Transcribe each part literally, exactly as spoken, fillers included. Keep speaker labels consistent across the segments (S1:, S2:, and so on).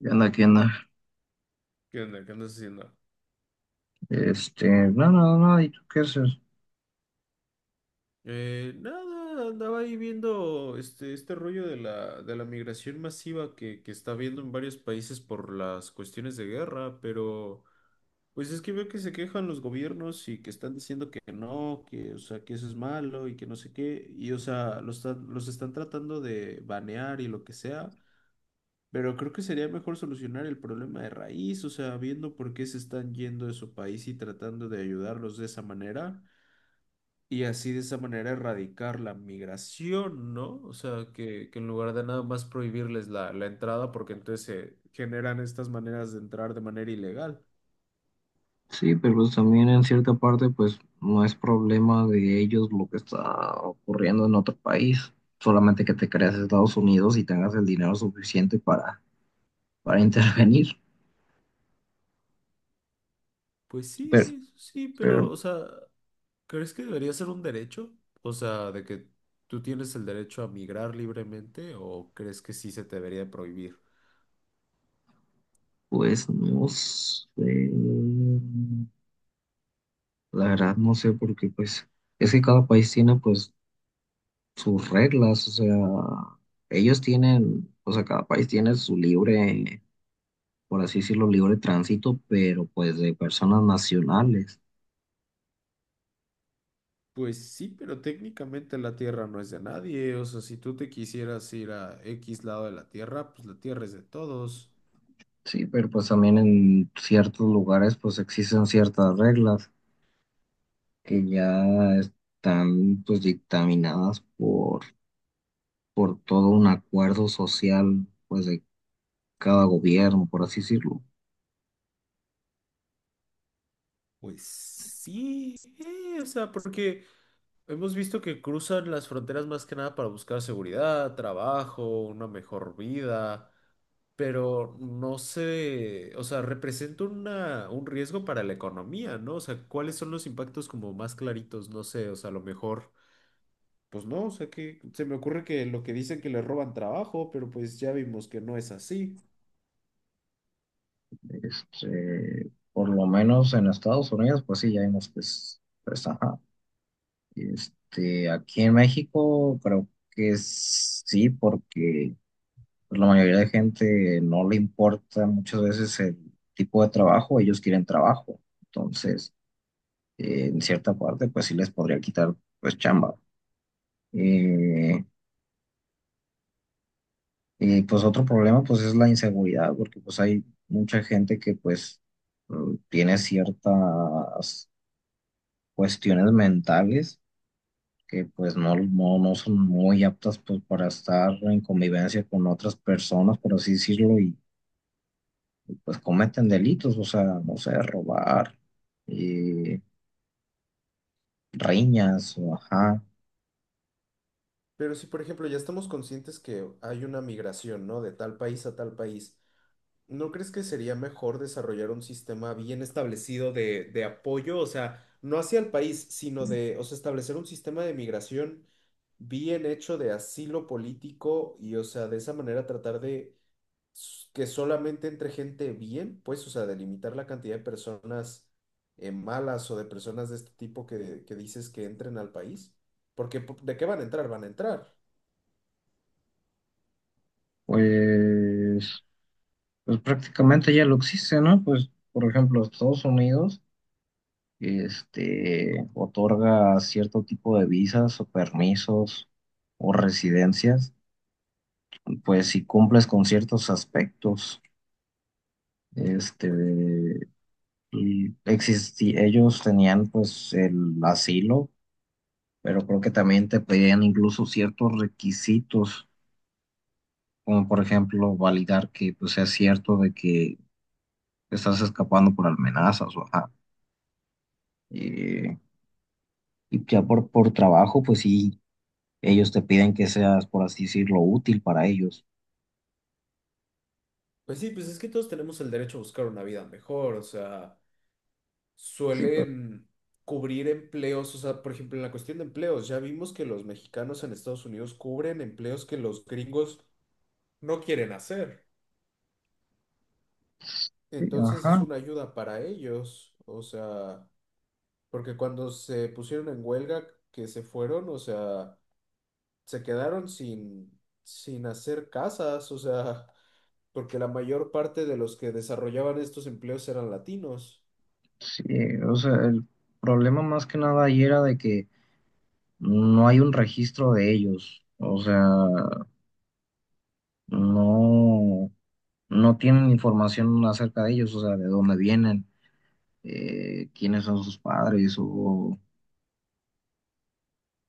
S1: ¿Qué onda? ¿Qué onda?
S2: ¿Qué onda? ¿Qué andas haciendo?
S1: Este, no, no, no, ¿y tú qué haces?
S2: Eh, nada, andaba ahí viendo este, este rollo de la, de la migración masiva que, que está habiendo en varios países por las cuestiones de guerra, pero pues es que veo que se quejan los gobiernos y que están diciendo que no, que, o sea, que eso es malo y que no sé qué, y o sea, los, están- los están tratando de banear y lo que sea, pero creo que sería mejor solucionar el problema de raíz, o sea, viendo por qué se están yendo de su país y tratando de ayudarlos de esa manera. Y así de esa manera erradicar la migración, ¿no? O sea, que, que en lugar de nada más prohibirles la, la entrada, porque entonces se generan estas maneras de entrar de manera ilegal.
S1: Sí, pero pues también en cierta parte, pues no es problema de ellos lo que está ocurriendo en otro país, solamente que te creas Estados Unidos y tengas el dinero suficiente para, para intervenir.
S2: Pues
S1: Pero,
S2: sí, sí, pero,
S1: pero,
S2: o sea, ¿crees que debería ser un derecho? O sea, de que tú tienes el derecho a migrar libremente, ¿o crees que sí se te debería prohibir?
S1: pues no sé, la verdad no sé, porque pues es que cada país tiene pues sus reglas, o sea, ellos tienen, o sea, cada país tiene su libre. Por así decirlo, libre de tránsito, pero pues de personas nacionales.
S2: Pues sí, pero técnicamente la tierra no es de nadie. O sea, si tú te quisieras ir a X lado de la tierra, pues la tierra es de todos.
S1: Sí, pero pues también en ciertos lugares pues existen ciertas reglas que ya están pues dictaminadas por, por todo un acuerdo social pues de cada gobierno, por así decirlo.
S2: Pues sí, eh, o sea, porque hemos visto que cruzan las fronteras más que nada para buscar seguridad, trabajo, una mejor vida, pero no sé, o sea, representa una, un riesgo para la economía, ¿no? O sea, ¿cuáles son los impactos como más claritos? No sé, o sea, a lo mejor, pues no, o sea, que se me ocurre que lo que dicen que le roban trabajo, pero pues ya vimos que no es así.
S1: Este, por lo menos en Estados Unidos pues sí, ya hay unos que es- pues, ajá. Este, aquí en México creo que sí, porque la mayoría de gente no le importa muchas veces el tipo de trabajo, ellos quieren trabajo. Entonces, eh, en cierta parte, pues sí les podría quitar, pues, chamba. Eh, y pues otro problema, pues, es la inseguridad, porque pues hay mucha gente que, pues, mm, tiene ciertas cuestiones mentales que, pues, no, no, no son muy aptas, pues, para estar en convivencia con otras personas, por así decirlo, pues cometen delitos, o sea, no sé, robar, eh, riñas, o ajá,
S2: Pero si, por ejemplo, ya estamos conscientes que hay una migración, ¿no? De tal país a tal país. ¿No crees que sería mejor desarrollar un sistema bien establecido de, de apoyo? O sea, no hacia el país, sino de, o sea, establecer un sistema de migración bien hecho de asilo político y, o sea, de esa manera tratar de s- que solamente entre gente bien, pues, o sea, de limitar la cantidad de personas eh, malas o de personas de este tipo que, que dices que entren al país. Porque, po- ¿de qué van a entrar? Van a entrar.
S1: pues, pues prácticamente ya lo existe, ¿no? Pues, por ejemplo, Estados Unidos, este, otorga cierto tipo de visas o permisos o residencias, pues si cumples con ciertos aspectos, este,
S2: Pues,
S1: y existi- ellos tenían pues el asilo, pero creo que también te pedían incluso ciertos requisitos, como por ejemplo validar que pues sea cierto de que estás escapando por amenazas o ajá. Eh, y ya por, por trabajo, pues sí, ellos te piden que seas, por así decirlo, útil para ellos.
S2: pues sí, pues es que todos tenemos el derecho a buscar una vida mejor, o sea.
S1: Sí, pues,
S2: Suelen cubrir empleos, o sea, por ejemplo, en la cuestión de empleos, ya vimos que los mexicanos en Estados Unidos cubren empleos que los gringos no quieren hacer.
S1: sí,
S2: Entonces es
S1: ajá,
S2: una ayuda para ellos, o sea, porque cuando se pusieron en huelga, que se fueron, o sea, se quedaron sin, sin hacer casas, o sea, porque la mayor parte de los que desarrollaban estos empleos eran latinos.
S1: sí, o sea, el problema más que nada ahí era de que no hay un registro de ellos, o sea, no, no tienen información acerca de ellos, o sea, de dónde vienen, eh, quiénes son sus padres o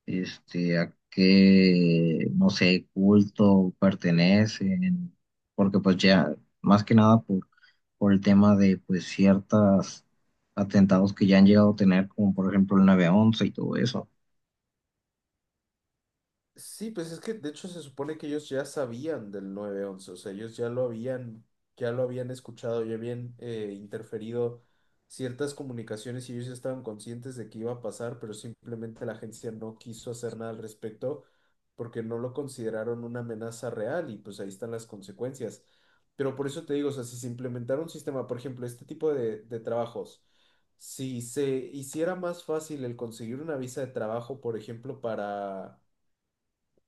S1: este, a qué, no sé, culto pertenecen, porque pues ya, más que nada por, por el tema de pues ciertos atentados que ya han llegado a tener, como por ejemplo el nueve once y todo eso.
S2: Sí, pues es que de hecho se supone que ellos ya sabían del nueve once, o sea, ellos ya lo habían, ya lo habían escuchado, ya habían eh, interferido ciertas comunicaciones y ellos ya estaban conscientes de que iba a pasar, pero simplemente la agencia no quiso hacer nada al respecto porque no lo consideraron una amenaza real y pues ahí están las consecuencias. Pero por eso te digo, o sea, si se implementara un sistema, por ejemplo, este tipo de, de trabajos, si se hiciera más fácil el conseguir una visa de trabajo, por ejemplo, para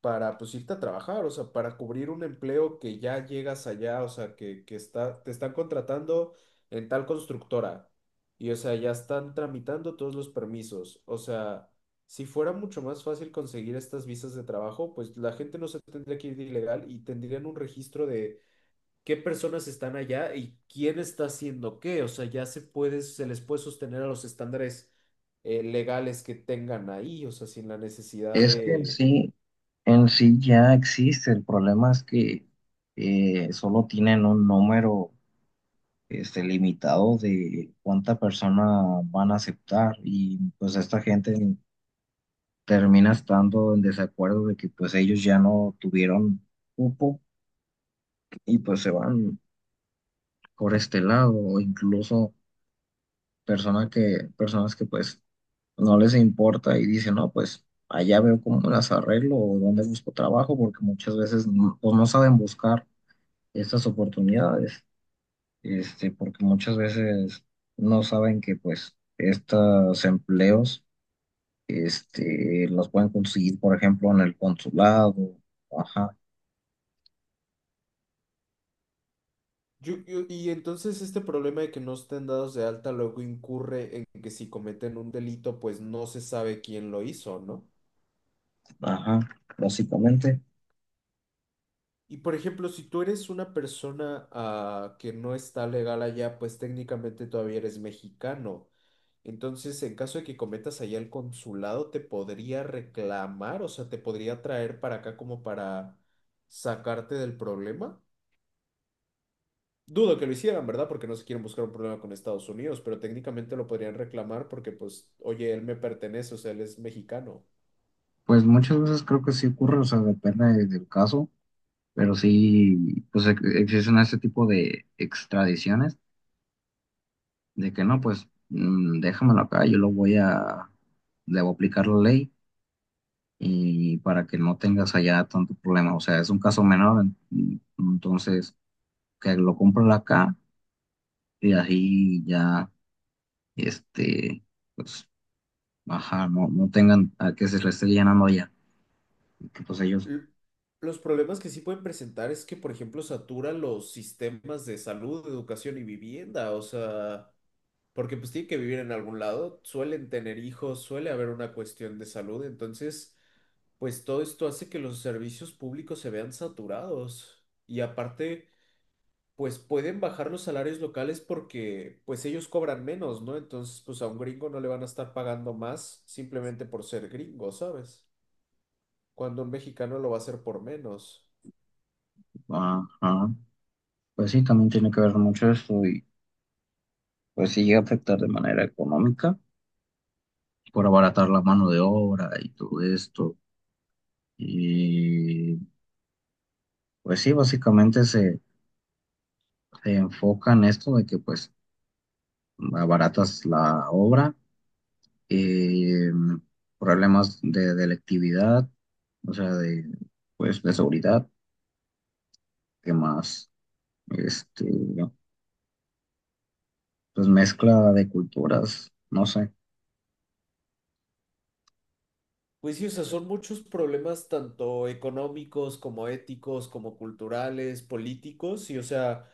S2: para pues irte a trabajar, o sea, para cubrir un empleo que ya llegas allá, o sea, que, que está, te están contratando en tal constructora y, o sea, ya están tramitando todos los permisos. O sea, si fuera mucho más fácil conseguir estas visas de trabajo, pues la gente no se tendría que ir de ilegal y tendrían un registro de qué personas están allá y quién está haciendo qué. O sea, ya se puede, se les puede sostener a los estándares eh, legales que tengan ahí, o sea, sin la necesidad
S1: Es que en
S2: de
S1: sí, en sí ya existe, el problema es que eh, solo tienen un número este, limitado de cuánta persona van a aceptar y pues esta gente termina estando en desacuerdo de que pues ellos ya no tuvieron cupo y pues se van por este lado o incluso personas que, personas que pues no les importa y dicen, no, pues allá veo cómo las arreglo o dónde busco trabajo porque muchas veces no, pues, no saben buscar estas oportunidades, este, porque muchas veces no saben que pues estos empleos este, los pueden conseguir, por ejemplo, en el consulado. Ajá.
S2: Yo- yo- y entonces este problema de que no estén dados de alta luego incurre en que si cometen un delito, pues no se sabe quién lo hizo, ¿no?
S1: Ajá, básicamente.
S2: Y por ejemplo, si tú eres una persona ah, que no está legal allá, pues técnicamente todavía eres mexicano. Entonces, en caso de que cometas allá el consulado, te podría reclamar, o sea, te podría traer para acá como para sacarte del problema. Dudo que lo hicieran, ¿verdad? Porque no se quieren buscar un problema con Estados Unidos, pero técnicamente lo podrían reclamar porque, pues, oye, él me pertenece, o sea, él es mexicano.
S1: Pues muchas veces creo que sí ocurre, o sea, depende de- del caso, pero sí, pues ex- existen ese tipo de extradiciones de que no, pues mm, déjamelo acá, yo lo voy a, le voy a aplicar la ley y para que no tengas allá tanto problema, o sea, es un caso menor, en- mm, entonces que lo compren acá y así ya, este, pues, ajá, no, no tengan a que se le esté llenando allá, que pues ellos,
S2: L- Los problemas que sí pueden presentar es que, por ejemplo, satura los sistemas de salud, educación y vivienda, o sea, porque pues tienen que vivir en algún lado, suelen tener hijos, suele haber una cuestión de salud, entonces, pues todo esto hace que los servicios públicos se vean saturados. Y aparte, pues pueden bajar los salarios locales porque pues ellos cobran menos, ¿no? Entonces, pues a un gringo no le van a estar pagando más simplemente por ser gringo, ¿sabes? Cuando un mexicano lo va a hacer por menos.
S1: ajá. Pues sí, también tiene que ver mucho eso y pues sí llega a afectar de manera económica por abaratar la mano de obra y todo esto. Y pues sí, básicamente se, se enfoca en esto de que pues abaratas la obra, eh, problemas de delictividad, o sea, de pues de seguridad, que más, este, pues mezcla de culturas, no sé.
S2: Pues sí, o sea, son muchos problemas tanto económicos como éticos, como culturales, políticos, y o sea,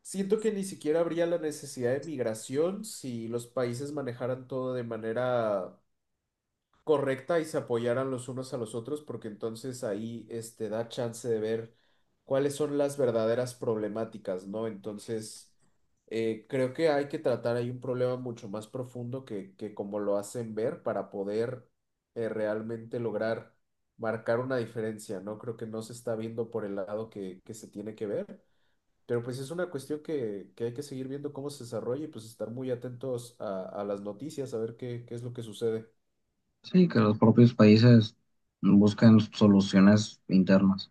S2: siento que ni siquiera habría la necesidad de migración si los países manejaran todo de manera correcta y se apoyaran los unos a los otros, porque entonces ahí este, da chance de ver cuáles son las verdaderas problemáticas, ¿no? Entonces, eh, creo que hay que tratar ahí un problema mucho más profundo que, que como lo hacen ver para poder eh, realmente lograr marcar una diferencia, ¿no? Creo que no se está viendo por el lado que, que se tiene que ver. Pero pues es una cuestión que, que hay que seguir viendo cómo se desarrolla y pues estar muy atentos a, a las noticias, a ver qué, qué es lo que sucede.
S1: Sí, que los propios países buscan soluciones internas.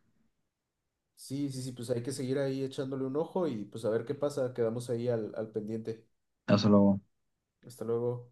S2: Sí, sí, sí, pues hay que seguir ahí echándole un ojo y pues a ver qué pasa. Quedamos ahí al, al pendiente.
S1: Hasta luego.
S2: Hasta luego.